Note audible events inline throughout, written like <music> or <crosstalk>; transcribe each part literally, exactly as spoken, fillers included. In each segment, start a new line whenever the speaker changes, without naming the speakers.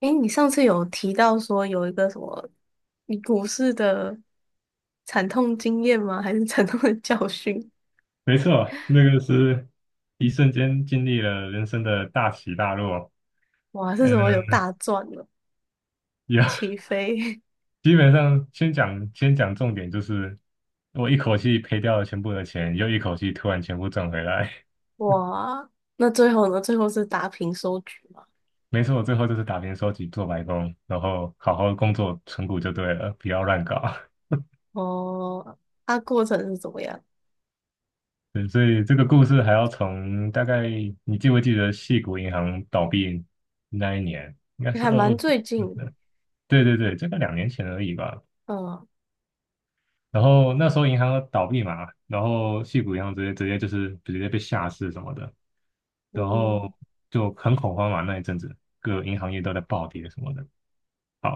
诶，你上次有提到说有一个什么你股市的惨痛经验吗？还是惨痛的教训？
没错，那个是一瞬间经历了人生的大起大落。
哇，是什
嗯，
么有大赚了，
也
起飞？
<laughs> 基本上先讲先讲重点，就是我一口气赔掉了全部的钱，又一口气突然全部挣回来。<laughs>
<laughs> 哇，那最后呢？最后是打平收局吗？
没错，我最后就是打平收集做白工，然后好好工作存股就对了，不要乱搞。
哦，它过程是怎么样？
<laughs> 对，所以这个故事还要从大概你记不记得矽谷银行倒闭那一年，应该
你
是
还
二
蛮
二，
最近的，
对对对，这个两年前而已吧。
嗯
然后那时候银行倒闭嘛，然后矽谷银行直接直接就是直接被下市什么的，然后
嗯
就很恐慌嘛，那一阵子各银行业都在暴跌什么的。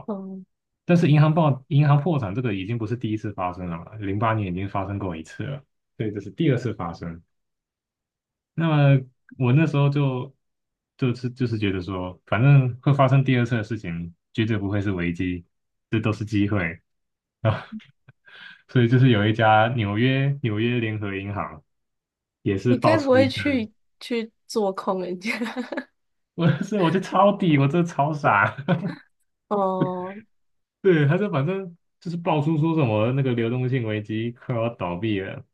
嗯，
但是银行暴银行破产这个已经不是第一次发生了嘛，零八年已经发生过一次了，所以这是第二次发生。那么我那时候就就是就是觉得说，反正会发生第二次的事情，绝对不会是危机，这都是机会啊。<laughs> 所以就是有一家纽约纽约联合银行。也是
你
爆
该不
出
会
一个
去去做空人家？<laughs>
<laughs>，我是我就抄底，我真的超傻。<laughs>
哦，
对，他就反正就是爆出说什么那个流动性危机快要倒闭了，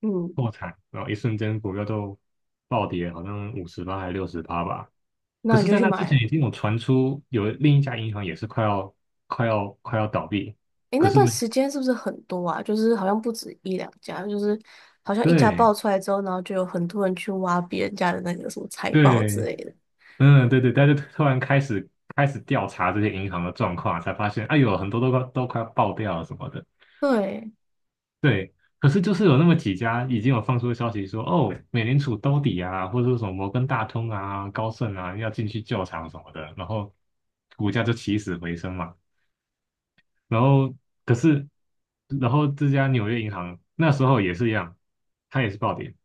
嗯，
破产，然后一瞬间股票就暴跌，好像五十趴还是六十趴吧。可
那你
是，
就
在
去
那之
买
前
了。
已经有传出有另一家银行也是快要快要快要倒闭，
诶，
可
那
是
段
没
时间是不是很多啊？就是好像不止一两家，就是好像一家爆
对
出来之后，然后就有很多人去挖别人家的那个什么财宝之
对，
类的。
嗯对对，但是突然开始开始调查这些银行的状况，才发现哎呦很多都快都快要爆掉了什么的。
对，
对，可是就是有那么几家已经有放出消息说，哦，美联储兜底啊，或者说什么摩根大通啊、高盛啊要进去救场什么的，然后股价就起死回生嘛。然后可是，然后这家纽约银行那时候也是一样，它也是暴跌。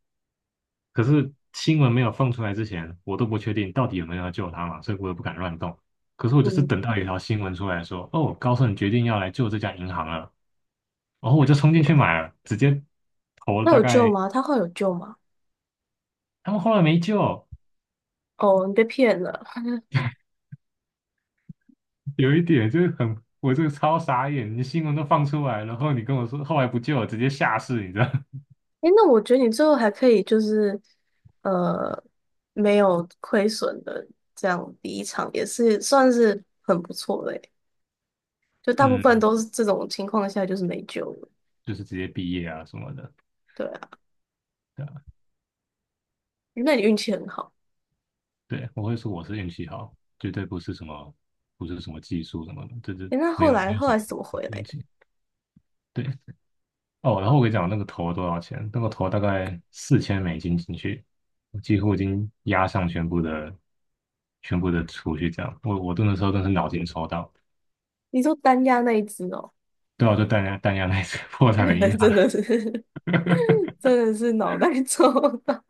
可是新闻没有放出来之前，我都不确定到底有没有要救它嘛，所以我也不敢乱动。可是我就是
嗯，
等到有一条新闻出来说，哦，高盛决定要来救这家银行了，然后我就冲进去买了，直接投了
那
大
有救
概。
吗？他会有救吗？
他们后来没救，
哦，你被骗了。
有一点就是很，我这个超傻眼，你新闻都放出来，然后你跟我说后来不救，直接下市，你知道？<laughs>
诶，那我觉得你最后还可以就是，呃，没有亏损的这样离场，也是算是很不错的欸，就大部分
嗯，
都是这种情况下就是没救了。
就是直接毕业啊什么的，
对啊，
对啊，
那你运气很好。
对，我会说我是运气好，绝对不是什么不是什么技术什么的，这这
诶，那
没
后
有
来
没有
后
什
来
么
是怎么回来
运
的？
气。对哦，然后我跟你讲那个投多少钱，那个投大概四千美金进去，我几乎已经压上全部的全部的储蓄，这样，我我那时候真是脑筋抽到，
你说单压那一只哦，
对啊，就弹压弹压那一次 <laughs> 破产的银
<laughs>
行。
真的是 <laughs>
<laughs>
真的是脑袋抽到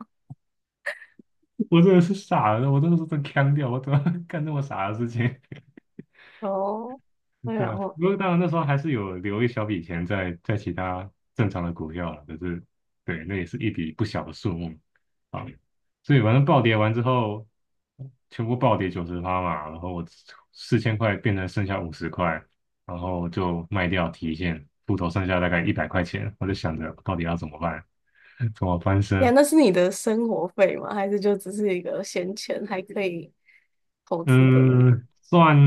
我真的是傻了，我真的是真腔掉，我怎么 <laughs> 干这么傻的事情，
哦。那
<laughs> 对
然
吧？
后
不过当然那时候还是有留一小笔钱在在其他正常的股票了，可是对，那也是一笔不小的数目啊。所以反正暴跌完之后，全部暴跌九十趴嘛，然后我四千块变成剩下五十块，然后就卖掉提现，户头剩下大概一百块钱，我就想着到底要怎么办，<laughs> 怎么翻
呀，
身。
那是你的生活费吗？还是就只是一个闲钱还可以投资的呢？
嗯，算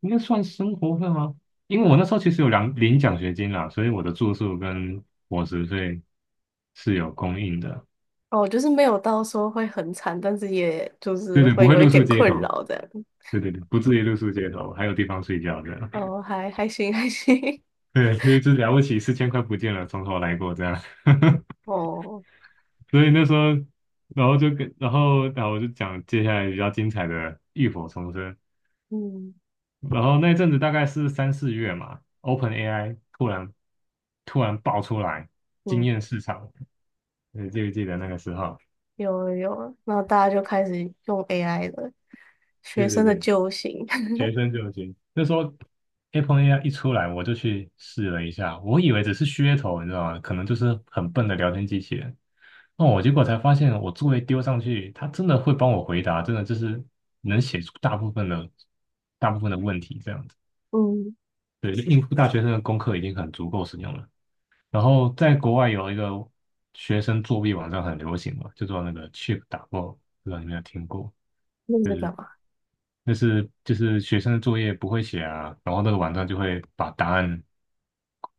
应该算生活费吗？因为我那时候其实有两领奖学金啦，所以我的住宿跟伙食费是有供应的。
哦，就是没有到说会很惨，但是也就
对
是
对，不
会
会
有一
露宿
点
街
困
头。
扰这样。
对对对，不至于露宿街头，还有地方睡觉这样。
哦，还还行还行。
对，所以就了不起，四千块不见了，从头来过这样。<laughs>
<laughs> 哦，
所以那时候，然后就跟，然后，然后我就讲接下来比较精彩的浴火重生。
嗯
然后那阵子大概是三四月嘛，open A I 突然突然爆出来惊
嗯，
艳市场，你记不记得那个时候？
有了有了，然后大家就开始用 A I 了，学
对对
生的
对，
救星。<laughs>
学生就行。那时候 a p e n a i 一出来，我就去试了一下，我以为只是噱头，你知道吗？可能就是很笨的聊天机器人。哦，我结果才发现，我作业丢上去，它真的会帮我回答，真的就是能写出大部分的大部分的问题这样子。
嗯，
对，就应付大学生的功课已经很足够使用了。然后在国外有一个学生作弊网站很流行嘛，就做那个 Chip e 打爆，不知道你有没有听过？
那你
就
在
是
干嘛？
那是就是学生的作业不会写啊，然后那个网站就会把答案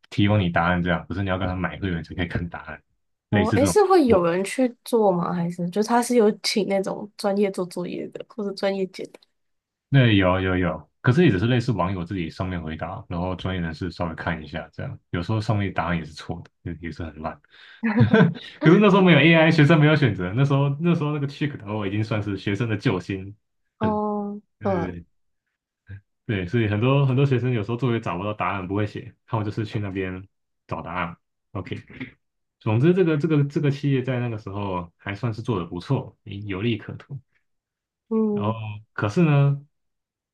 提供你答案这样，可是你要跟他买会员才可以看答案，类
哦，
似
诶，
这
是会
种。
有人去做吗？还是就是他是有请那种专业做作业的，或者专业解答？
那有有有，可是也只是类似网友自己上面回答，然后专业人士稍微看一下，这样有时候上面答案也是错的，也也是很烂。<laughs>
<laughs>
可是那时候没有 A I，学生没有选择，那时候那时候那个 Chick 的话已经算是学生的救星，很
哦，嗯
对对，所以很多很多学生有时候作业找不到答案，不会写，他们就是去那边找答案。O K，总之这个这个这个企业在那个时候还算是做得不错，有利可图。然后可是呢，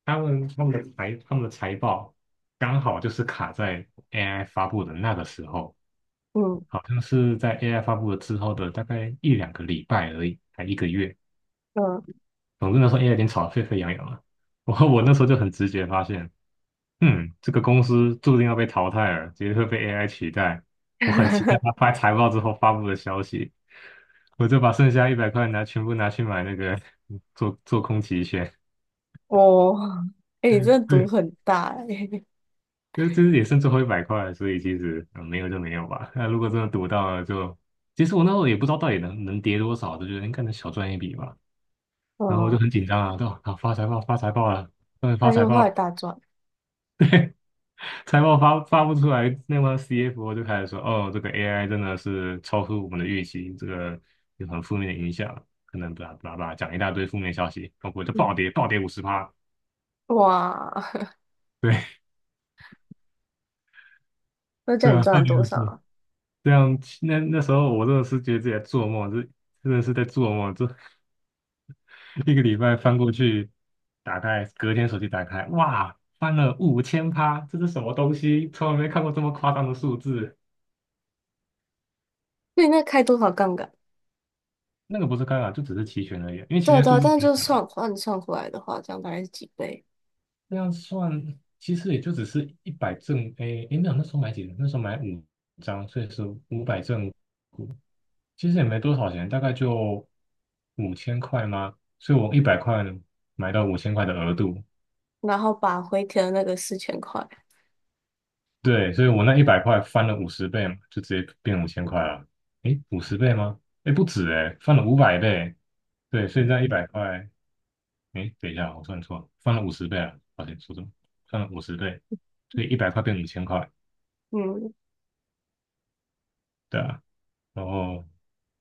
他们他们的财他们的财报刚好就是卡在 A I 发布的那个时候，
嗯
好像是在 A I 发布了之后的大概一两个礼拜而已，才一个月。
嗯嗯，
总之那时候 A I 已经炒得沸沸扬扬了，我我那时候就很直觉发现，嗯，这个公司注定要被淘汰了，绝对会被 A I 取代。我很期待他
<laughs>
发财报之后发布的消息，我就把剩下一百块拿全部拿去买那个 <laughs> 做做空期权。
哦，诶，你真的读
对
很大诶，
这这也剩最后一百块了，所以其实、嗯、没有就没有吧。那如果真的赌到了就，其实我那时候也不知道到底能能跌多少，就觉得应该能小赚一笔吧。
<laughs>
然后我就
嗯，
很紧张啊，对吧？啊，发财报发财报了，终于发
那
财
就后
报
来
了，
大赚，
财报发发不出来，那么 C F O 就开始说，哦，这个 A I 真的是超出我们的预期，这个有很负面的影响，可能巴拉巴拉巴拉讲一大堆负面消息，然后我就暴
嗯，
跌暴跌五十趴，
哇，<laughs>
对
那
<laughs>
这
对
样你
啊，
赚
暴
了
跌
多
五
少
十。
啊？
这样，那那时候我真的是觉得自己在做梦，这真的是在做梦，这 <laughs> 一个礼拜翻过去，打开，隔天手机打开，哇，翻了五千趴，这是什么东西？从来没看过这么夸张的数字。
那你那开多少杠杆？
那个不是干扰，就只是期权而已啊，因为期
对啊
权
对
数
啊，
字
但是
很
就
小，
算换算回来的话，这样大概是几倍？
这样算其实也就只是一百正，诶，诶，没有，那时候买几张？那时候买五张，所以是五百正，其实也没多少钱，大概就五千块吗？所以我一百块买到五千块的额度，
然后把回填的那个四千块，
对，所以我那一百块翻了五十倍嘛，就直接变五千块了。诶，五十倍吗？诶，不止诶，翻了五百倍。对，所以那一百块，诶，等一下，我算错了，翻了五十倍啊，抱歉，说错了，翻了五十倍，所以一百块变五千块。
嗯。
对啊，然后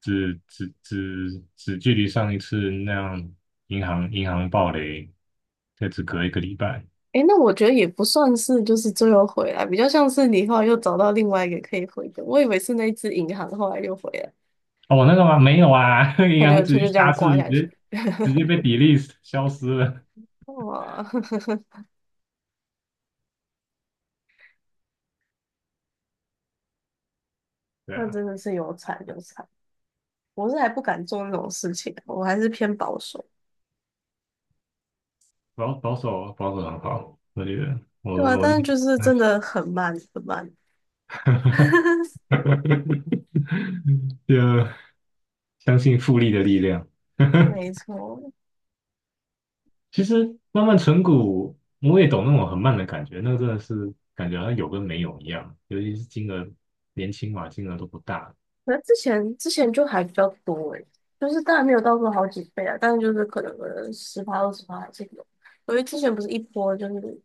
只只只只距离上一次那样银行银行暴雷，这只隔一个礼拜。
诶，那我觉得也不算是就是最后回来，比较像是你后来又找到另外一个可以回的。我以为是那一只银行后来又回来，
哦，那个吗？没有啊，<laughs>
它
银
就
行
它
直接
就这
下
样
次
刮
直
下
接
去。
直接被比 e l e t 消失了。
哇，<laughs>
对
那
啊。
真的是有惨有惨，我是还不敢做那种事情，我还是偏保守。
保保守保守很好，我觉得我
对啊，
我
但是就是真的很慢很慢。<laughs>
<laughs> 就相信复利的力量。
没
<laughs>
错，
其实慢慢存股，我也懂那种很慢的感觉，那个真的是感觉好像有跟没有一样，尤其是金额年轻嘛，金额都不大。
可能之前之前就还比较多诶，就是当然没有到过好几倍啊，但是就是可能十趴二十趴还是有。因为之前不是一波就是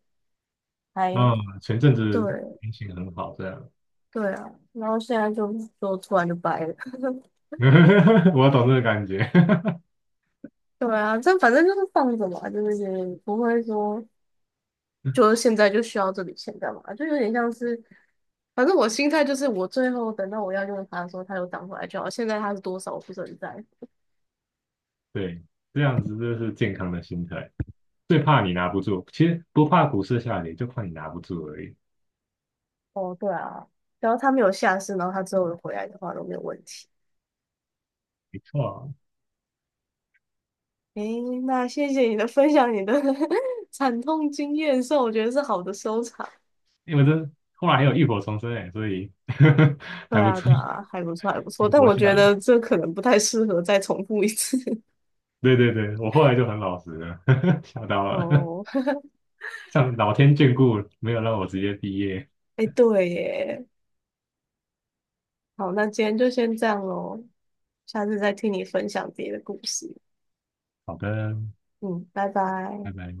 还
啊、前阵
对，
子心情很好，这样，
对啊，然后现在就就突然就掰了。<laughs>
<laughs> 我懂这个感觉。
对啊，这反正就是放着嘛，就是也不会说，就是
<laughs>
现在就需要这笔钱干嘛，就有点像是，反正我心态就是，我最后等到我要用它的时候，它又涨回来就好。现在它是多少，我不是很在
对，这样子就是健康的心态。最怕你拿不住，其实不怕股市下跌，就怕你拿不住而已。
乎。哦，对啊，只要它没有下市，然后它之后有回来的话都没有问题。
没错啊
诶，那谢谢你的分享，你的 <laughs> 惨痛经验，算我觉得是好的收场。
因为这后来还有浴火重生哎，所以 <laughs> 还
对
不
啊，
错，
对啊，还不错，还不错，但
不会
我觉
笑的。
得这可能不太适合再重复一次。
对对对，我后来就很老实了，<laughs> 吓到了，<laughs>
哦，
像老天眷顾，没有让我直接毕业。
<laughs> 哎，对耶，好，那今天就先这样喽，下次再听你分享别的故事。
好的，
嗯，拜拜。
拜拜。